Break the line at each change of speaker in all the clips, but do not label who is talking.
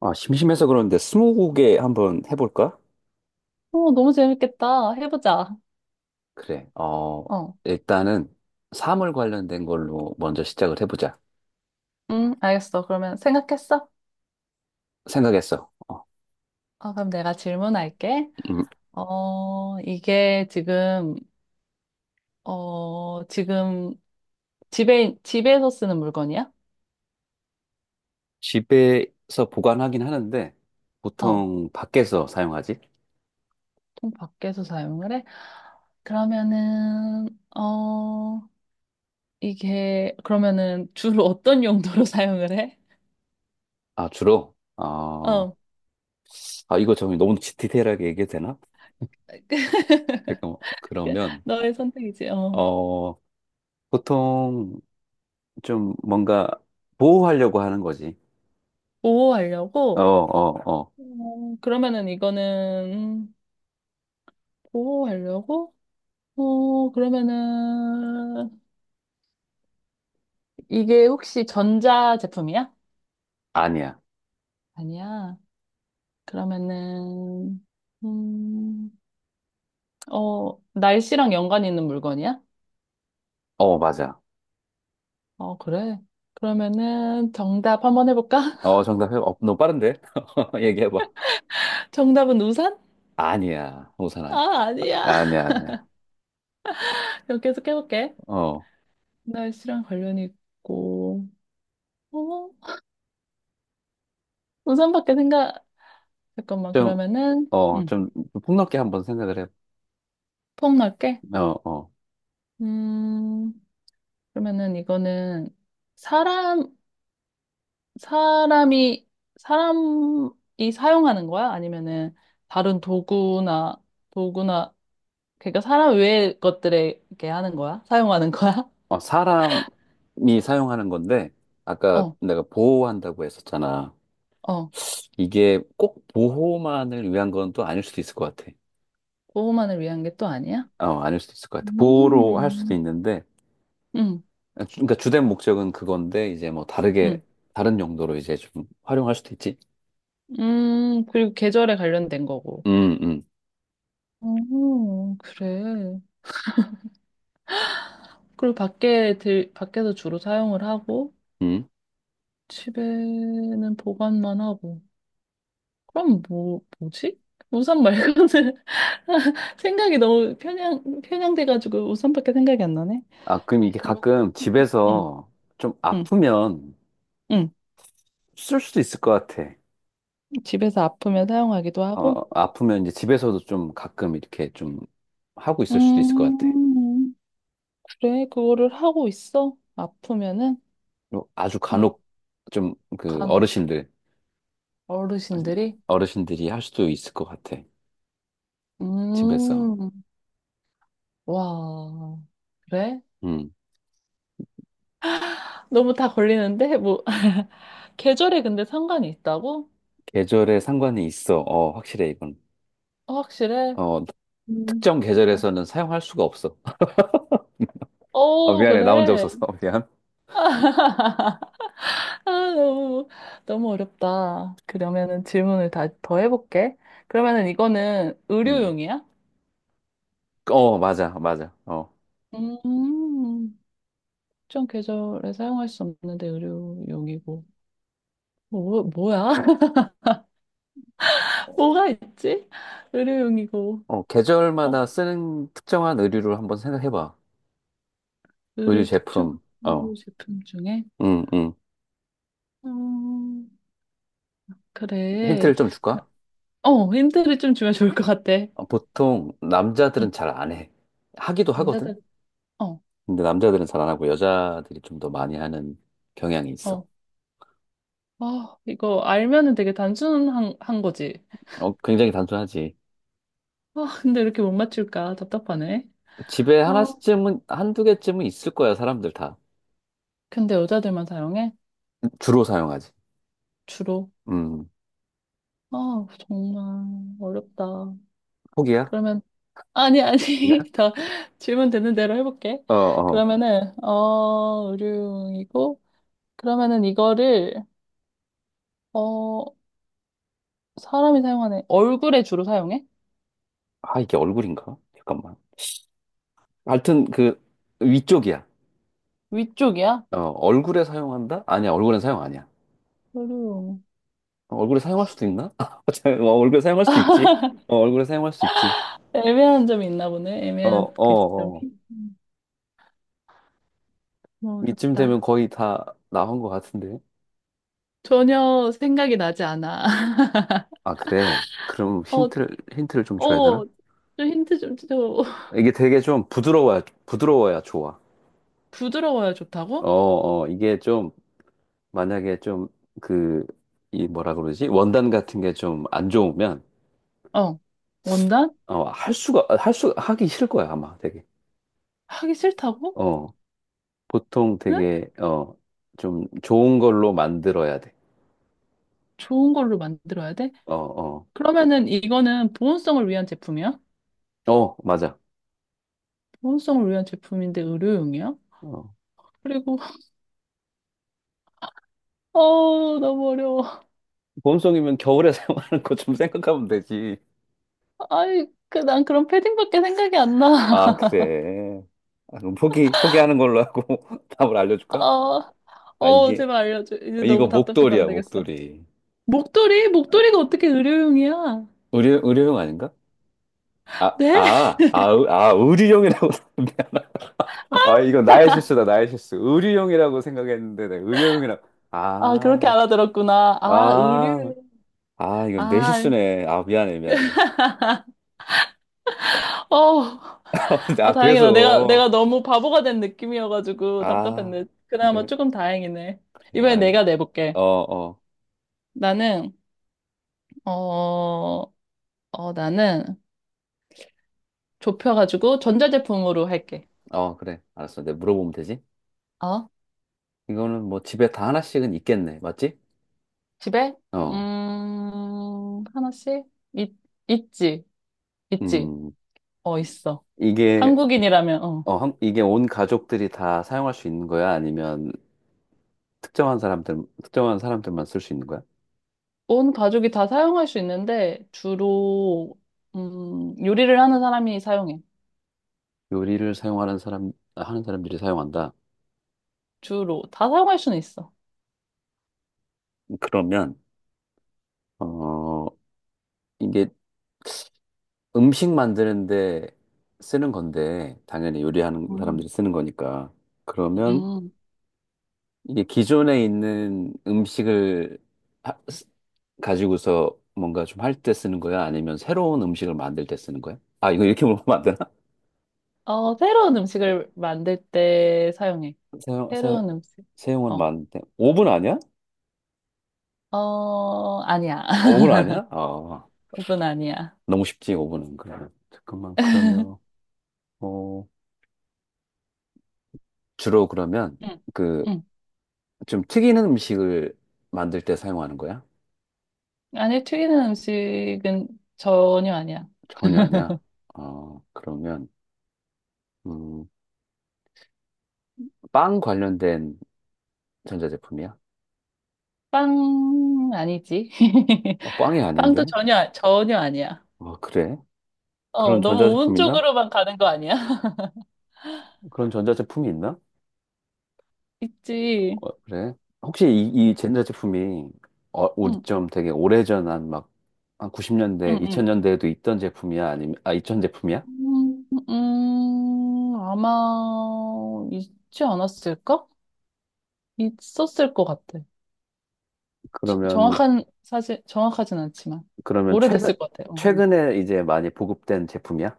아, 심심해서 그러는데 스무고개 한번 해볼까?
어, 너무 재밌겠다. 해보자.
그래.
어,
일단은 사물 관련된 걸로 먼저 시작을 해보자.
응 알겠어. 그러면 생각했어?
생각했어.
어, 그럼 내가 질문할게.
음,
어, 이게 지금 집에서 쓰는 물건이야?
집에서 보관하긴 하는데
어,
보통 밖에서 사용하지?
좀 밖에서 사용을 해? 그러면은, 어, 그러면은 주로 어떤 용도로 사용을 해?
아, 주로? 어,
어,
아, 이거 정말 너무 디테일하게 얘기해도 되나? 잠깐만. 그러면
너의 선택이지. 어,
어, 보통 좀 뭔가 보호하려고 하는 거지. 어,
보호하려고?
어, 어.
어, 그러면은 이거는, 보호하려고? 어, 그러면은, 이게 혹시 전자 제품이야?
아니야.
아니야. 그러면은, 음, 날씨랑 연관이 있는 물건이야?
어, 맞아.
어, 그래. 그러면은, 정답 한번 해볼까?
어, 정답해. 어, 너무 빠른데? 얘기해봐.
정답은 우산?
아니야. 우선 아니야.
아,
아,
아니야.
아니야, 아니야.
그럼 계속 해볼게.
어.
날씨랑 관련이 있고, 어, 우산밖에 생각, 잠깐만,
좀,
그러면은,
좀 폭넓게 한번 생각을 해.
폭 넓게?
어, 어.
음, 그러면은 이거는, 사람, 사람이, 사람이 사용하는 거야? 아니면은 다른 도구나, 그러니까 사람 외의 것들에 이렇게 하는 거야? 사용하는 거야?
어, 사람이 사용하는 건데, 아까
어,
내가 보호한다고 했었잖아.
어.
이게 꼭 보호만을 위한 건 또 아닐 수도 있을 것 같아.
보호만을 위한 게 또 아니야?
어, 아닐 수도 있을 것 같아. 보호로 할 수도
음.
있는데,
음.
그러니까 주된 목적은 그건데, 이제 뭐 다르게,
음.
다른 용도로 이제 좀 활용할 수도 있지.
음. 그리고 계절에 관련된 거고.
음, 음,
오, 그래. 그리고 밖에서 주로 사용을 하고,
음.
집에는 보관만 하고. 그럼 뭐지? 우산 말고는 생각이 너무 편향돼가지고 우산밖에 생각이 안 나네.
아, 그럼 이게
그러면,
가끔
응, 응,
집에서 좀
응.
아프면,
응.
쓸 수도 있을 것 같아.
집에서 아프면 사용하기도
어,
하고,
아프면 이제 집에서도 좀 가끔 이렇게 좀 하고 있을 수도 있을 것 같아.
음, 그래, 그거를 하고 있어. 아프면은,
뭐 아주 간혹 좀 그
간혹
어르신들,
어르신들이,
어르신들이 할 수도 있을 것 같아. 집에서.
음, 와, 그래?
음,
너무 다 걸리는데? 뭐, 계절에 근데 상관이 있다고?
계절에 상관이 있어. 어, 확실해, 이건.
어, 확실해?
어,
음.
특정
어,
계절에서는 사용할 수가 없어. 어,
어,
미안해. 나 혼자
그래.
없어서. 미안.
아, 너무, 너무 어렵다. 그러면은 질문을 다 더 해볼게. 그러면은 이거는
음.
의료용이야?
어, 맞아, 맞아. 어.
음, 특정 계절에 사용할 수 없는데 의료용이고. 뭐야? 뭐가 있지? 의료용이고.
어,
어,
계절마다 쓰는 특정한 의류를 한번 생각해봐. 의류
의료 특정
제품. 어.
의료 제품 중에?
음, 음.
음,
힌트를
그래.
좀 줄까?
어, 힌트를 좀 주면 좋을 것 같아.
어, 보통
응,
남자들은 잘 안 해. 하기도 하거든?
남자들, 어,
근데 남자들은 잘 안 하고 여자들이 좀 더 많이 하는 경향이 있어.
어. 아, 이거 알면은 되게 단순한 한 거지.
어, 굉장히 단순하지.
아, 근데 이렇게 못 맞출까? 답답하네.
집에
어,
하나쯤은, 한두 개쯤은 있을 거야, 사람들 다.
근데 여자들만 사용해?
주로 사용하지.
주로?
음,
아, 정말 어렵다.
포기야?
그러면, 아니, 아니,
아니야?
더 질문 되는 대로 해볼게.
어, 어.
그러면은, 의류이고 그러면은 이거를, 어, 사람이 사용하네. 얼굴에 주로 사용해?
아, 이게 얼굴인가? 잠깐만. 하여튼 그 위쪽이야.
위쪽이야?
어, 얼굴에 사용한다? 아니야, 얼굴엔 사용 아니야.
의류
어, 얼굴에 사용할 수도 있나? 어, 얼굴에 사용할 수도 있지. 어, 얼굴에 사용할 수 있지.
애매한 점이 있나 보네.
어,
애매한 그 점이.
어, 어.
음, 뭐
이쯤 되면
어렵다.
거의 다 나온 것 같은데.
전혀 생각이 나지 않아.
아, 그래. 그럼
어,
힌트를, 힌트를 좀 줘야 되나?
좀 힌트 좀 줘.
이게 되게 좀 부드러워야, 부드러워야 좋아.
부드러워야
어,
좋다고?
어, 이게 좀, 만약에 좀, 그, 이 뭐라 그러지? 원단 같은 게 좀 안 좋으면,
어. 원단?
어, 할 수가, 할 수, 하기 싫을 거야, 아마 되게.
하기 싫다고?
어, 보통
응?
되게, 어, 좀 좋은 걸로 만들어야 돼.
좋은 걸로 만들어야 돼?
어, 어,
그러면은 이거는 보온성을 위한 제품이야?
어, 맞아.
보온성을 위한 제품인데 의료용이야?
어.
그리고 너무 어려워.
봄송이면 겨울에 사용하는 거 좀 생각하면 되지.
아이 그난 그런 패딩밖에 생각이 안 나.
아, 그래. 아, 그럼 포기, 포기하는 걸로 하고 답을 알려줄까?
어,
아,
어
이게,
제발 알려줘. 이제
이거
너무 답답해서 안
목도리야,
되겠어.
목도리.
목도리? 목도리가 어떻게 의료용이야?
의료, 의료용 아닌가?
네?
아, 의료용이라고. 미안하다. 아, 이거 나의 실수다, 나의 실수. 의료용이라고 생각했는데, 내 의료용이라고.
아 그렇게
아,
알아들었구나. 아
아,
의료용.
아, 이건 내
아
실수네. 아, 미안해, 미안해.
어. 아,
아,
다행이다. 내가,
그래서,
내가 너무 바보가 된 느낌이어가지고
아,
답답했네. 그나마
그래,
조금 다행이네.
그래,
이번에
아,
내가 내볼게.
어, 어,
나는, 어, 어, 나는 좁혀가지고 전자제품으로 할게.
어, 그래. 알았어. 내가 물어보면 되지?
어?
이거는 뭐 집에 다 하나씩은 있겠네. 맞지?
집에?
어,
하나씩? 있, 있지. 있지.
음,
어, 있어.
이게,
한국인이라면, 어.
이게 온 가족들이 다 사용할 수 있는 거야? 아니면 특정한 사람들, 특정한 사람들만 쓸 수 있는 거야?
온 가족이 다 사용할 수 있는데, 주로, 요리를 하는 사람이 사용해.
요리를 사용하는 사람, 하는 사람들이 사용한다.
주로. 다 사용할 수는 있어.
그러면, 어, 이게 음식 만드는데 쓰는 건데, 당연히 요리하는 사람들이
음.
쓰는 거니까. 그러면
음.
이게 기존에 있는 음식을 하- 쓰- 가지고서 뭔가 좀 할 때 쓰는 거야? 아니면 새로운 음식을 만들 때 쓰는 거야? 아, 이거 이렇게 물어보면 안 되나?
어, 새로운 음식을 만들 때 사용해.
사용, 사용,
새로운 음식.
사용은
어,
많은데. 5분 아니야?
어, 아니야.
어, 5분 아니야? 아,
오븐 아니야.
너무 쉽지, 5분은 그러면. 잠깐만, 그러면, 어, 주로 그러면,
응,
그,
응.
좀 튀기는 음식을 만들 때 사용하는 거야?
아니, 튀기는 음식은 전혀 아니야.
전혀 아니야. 어, 그러면, 음, 빵 관련된 전자제품이야?
빵, 아니지.
어, 빵이
빵도
아닌데?
전혀 아니야.
어, 그래?
어,
그런
너무
전자제품 있나?
오른쪽으로만 가는 거 아니야?
그런 전자제품이 있나?
있지.
어, 그래? 혹시 이 젠자 제품이 어, 우리
응,
좀 되게 오래전 한 막, 한 90년대,
응, 응.
2000년대에도 있던 제품이야? 아니면, 아, 2000 제품이야?
아마 있지 않았을까? 있었을 것 같아. 저-
그러면,
정확한 사실 정확하진 않지만
그러면
오래됐을
최근,
것 같아요. 음.
최근에 이제 많이 보급된 제품이야?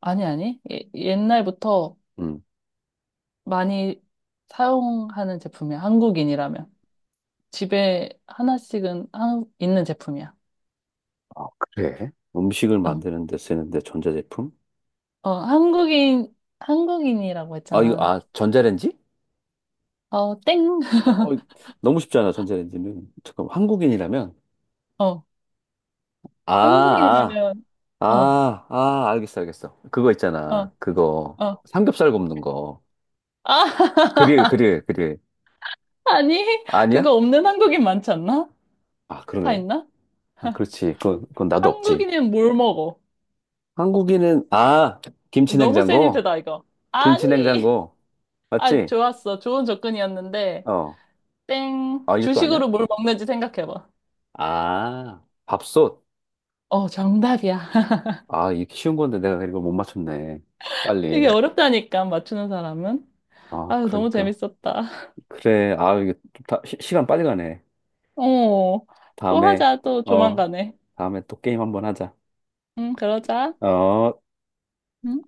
아니 아니 옛날부터
음.
많이 사용하는 제품이야. 한국인이라면 집에 하나씩은 있는 제품이야.
아, 그래? 음식을
어,
만드는 데 쓰는데 전자제품?
어, 한국인이라고
아, 이거,
했잖아.
아, 전자레인지?
어, 땡.
어, 너무 쉽잖아, 전자레인지는. 잠깐, 한국인이라면?
어,
아, 아,
한국인이라면 어,
아, 알겠어, 알겠어. 그거 있잖아.
어,
그거.
어.
삼겹살 굽는 거.
아,
그릴.
아니
아니야?
그거 없는 한국인 많지 않나?
아,
다
그러네.
있나?
아, 그렇지. 그건, 그건 나도 없지.
한국인은 뭘 먹어?
한국인은, 아,
너무 센
김치냉장고?
힌트다 이거. 아니.
김치냉장고.
아,
맞지?
좋았어. 좋은 접근이었는데,
어.
땡.
아, 이것도 아니야?
주식으로 뭘 먹는지 생각해봐.
아, 밥솥.
어, 정답이야.
아, 이게 쉬운 건데 내가 이걸 못 맞췄네.
이게
빨리.
어렵다니까, 맞추는 사람은.
아,
아유, 너무
그러니까.
재밌었다.
그래. 아, 이게 좀 시간 빨리 가네.
어, 또
다음에,
하자, 또
어,
조만간에.
다음에 또 게임 한번 하자.
응, 그러자.
어.
응?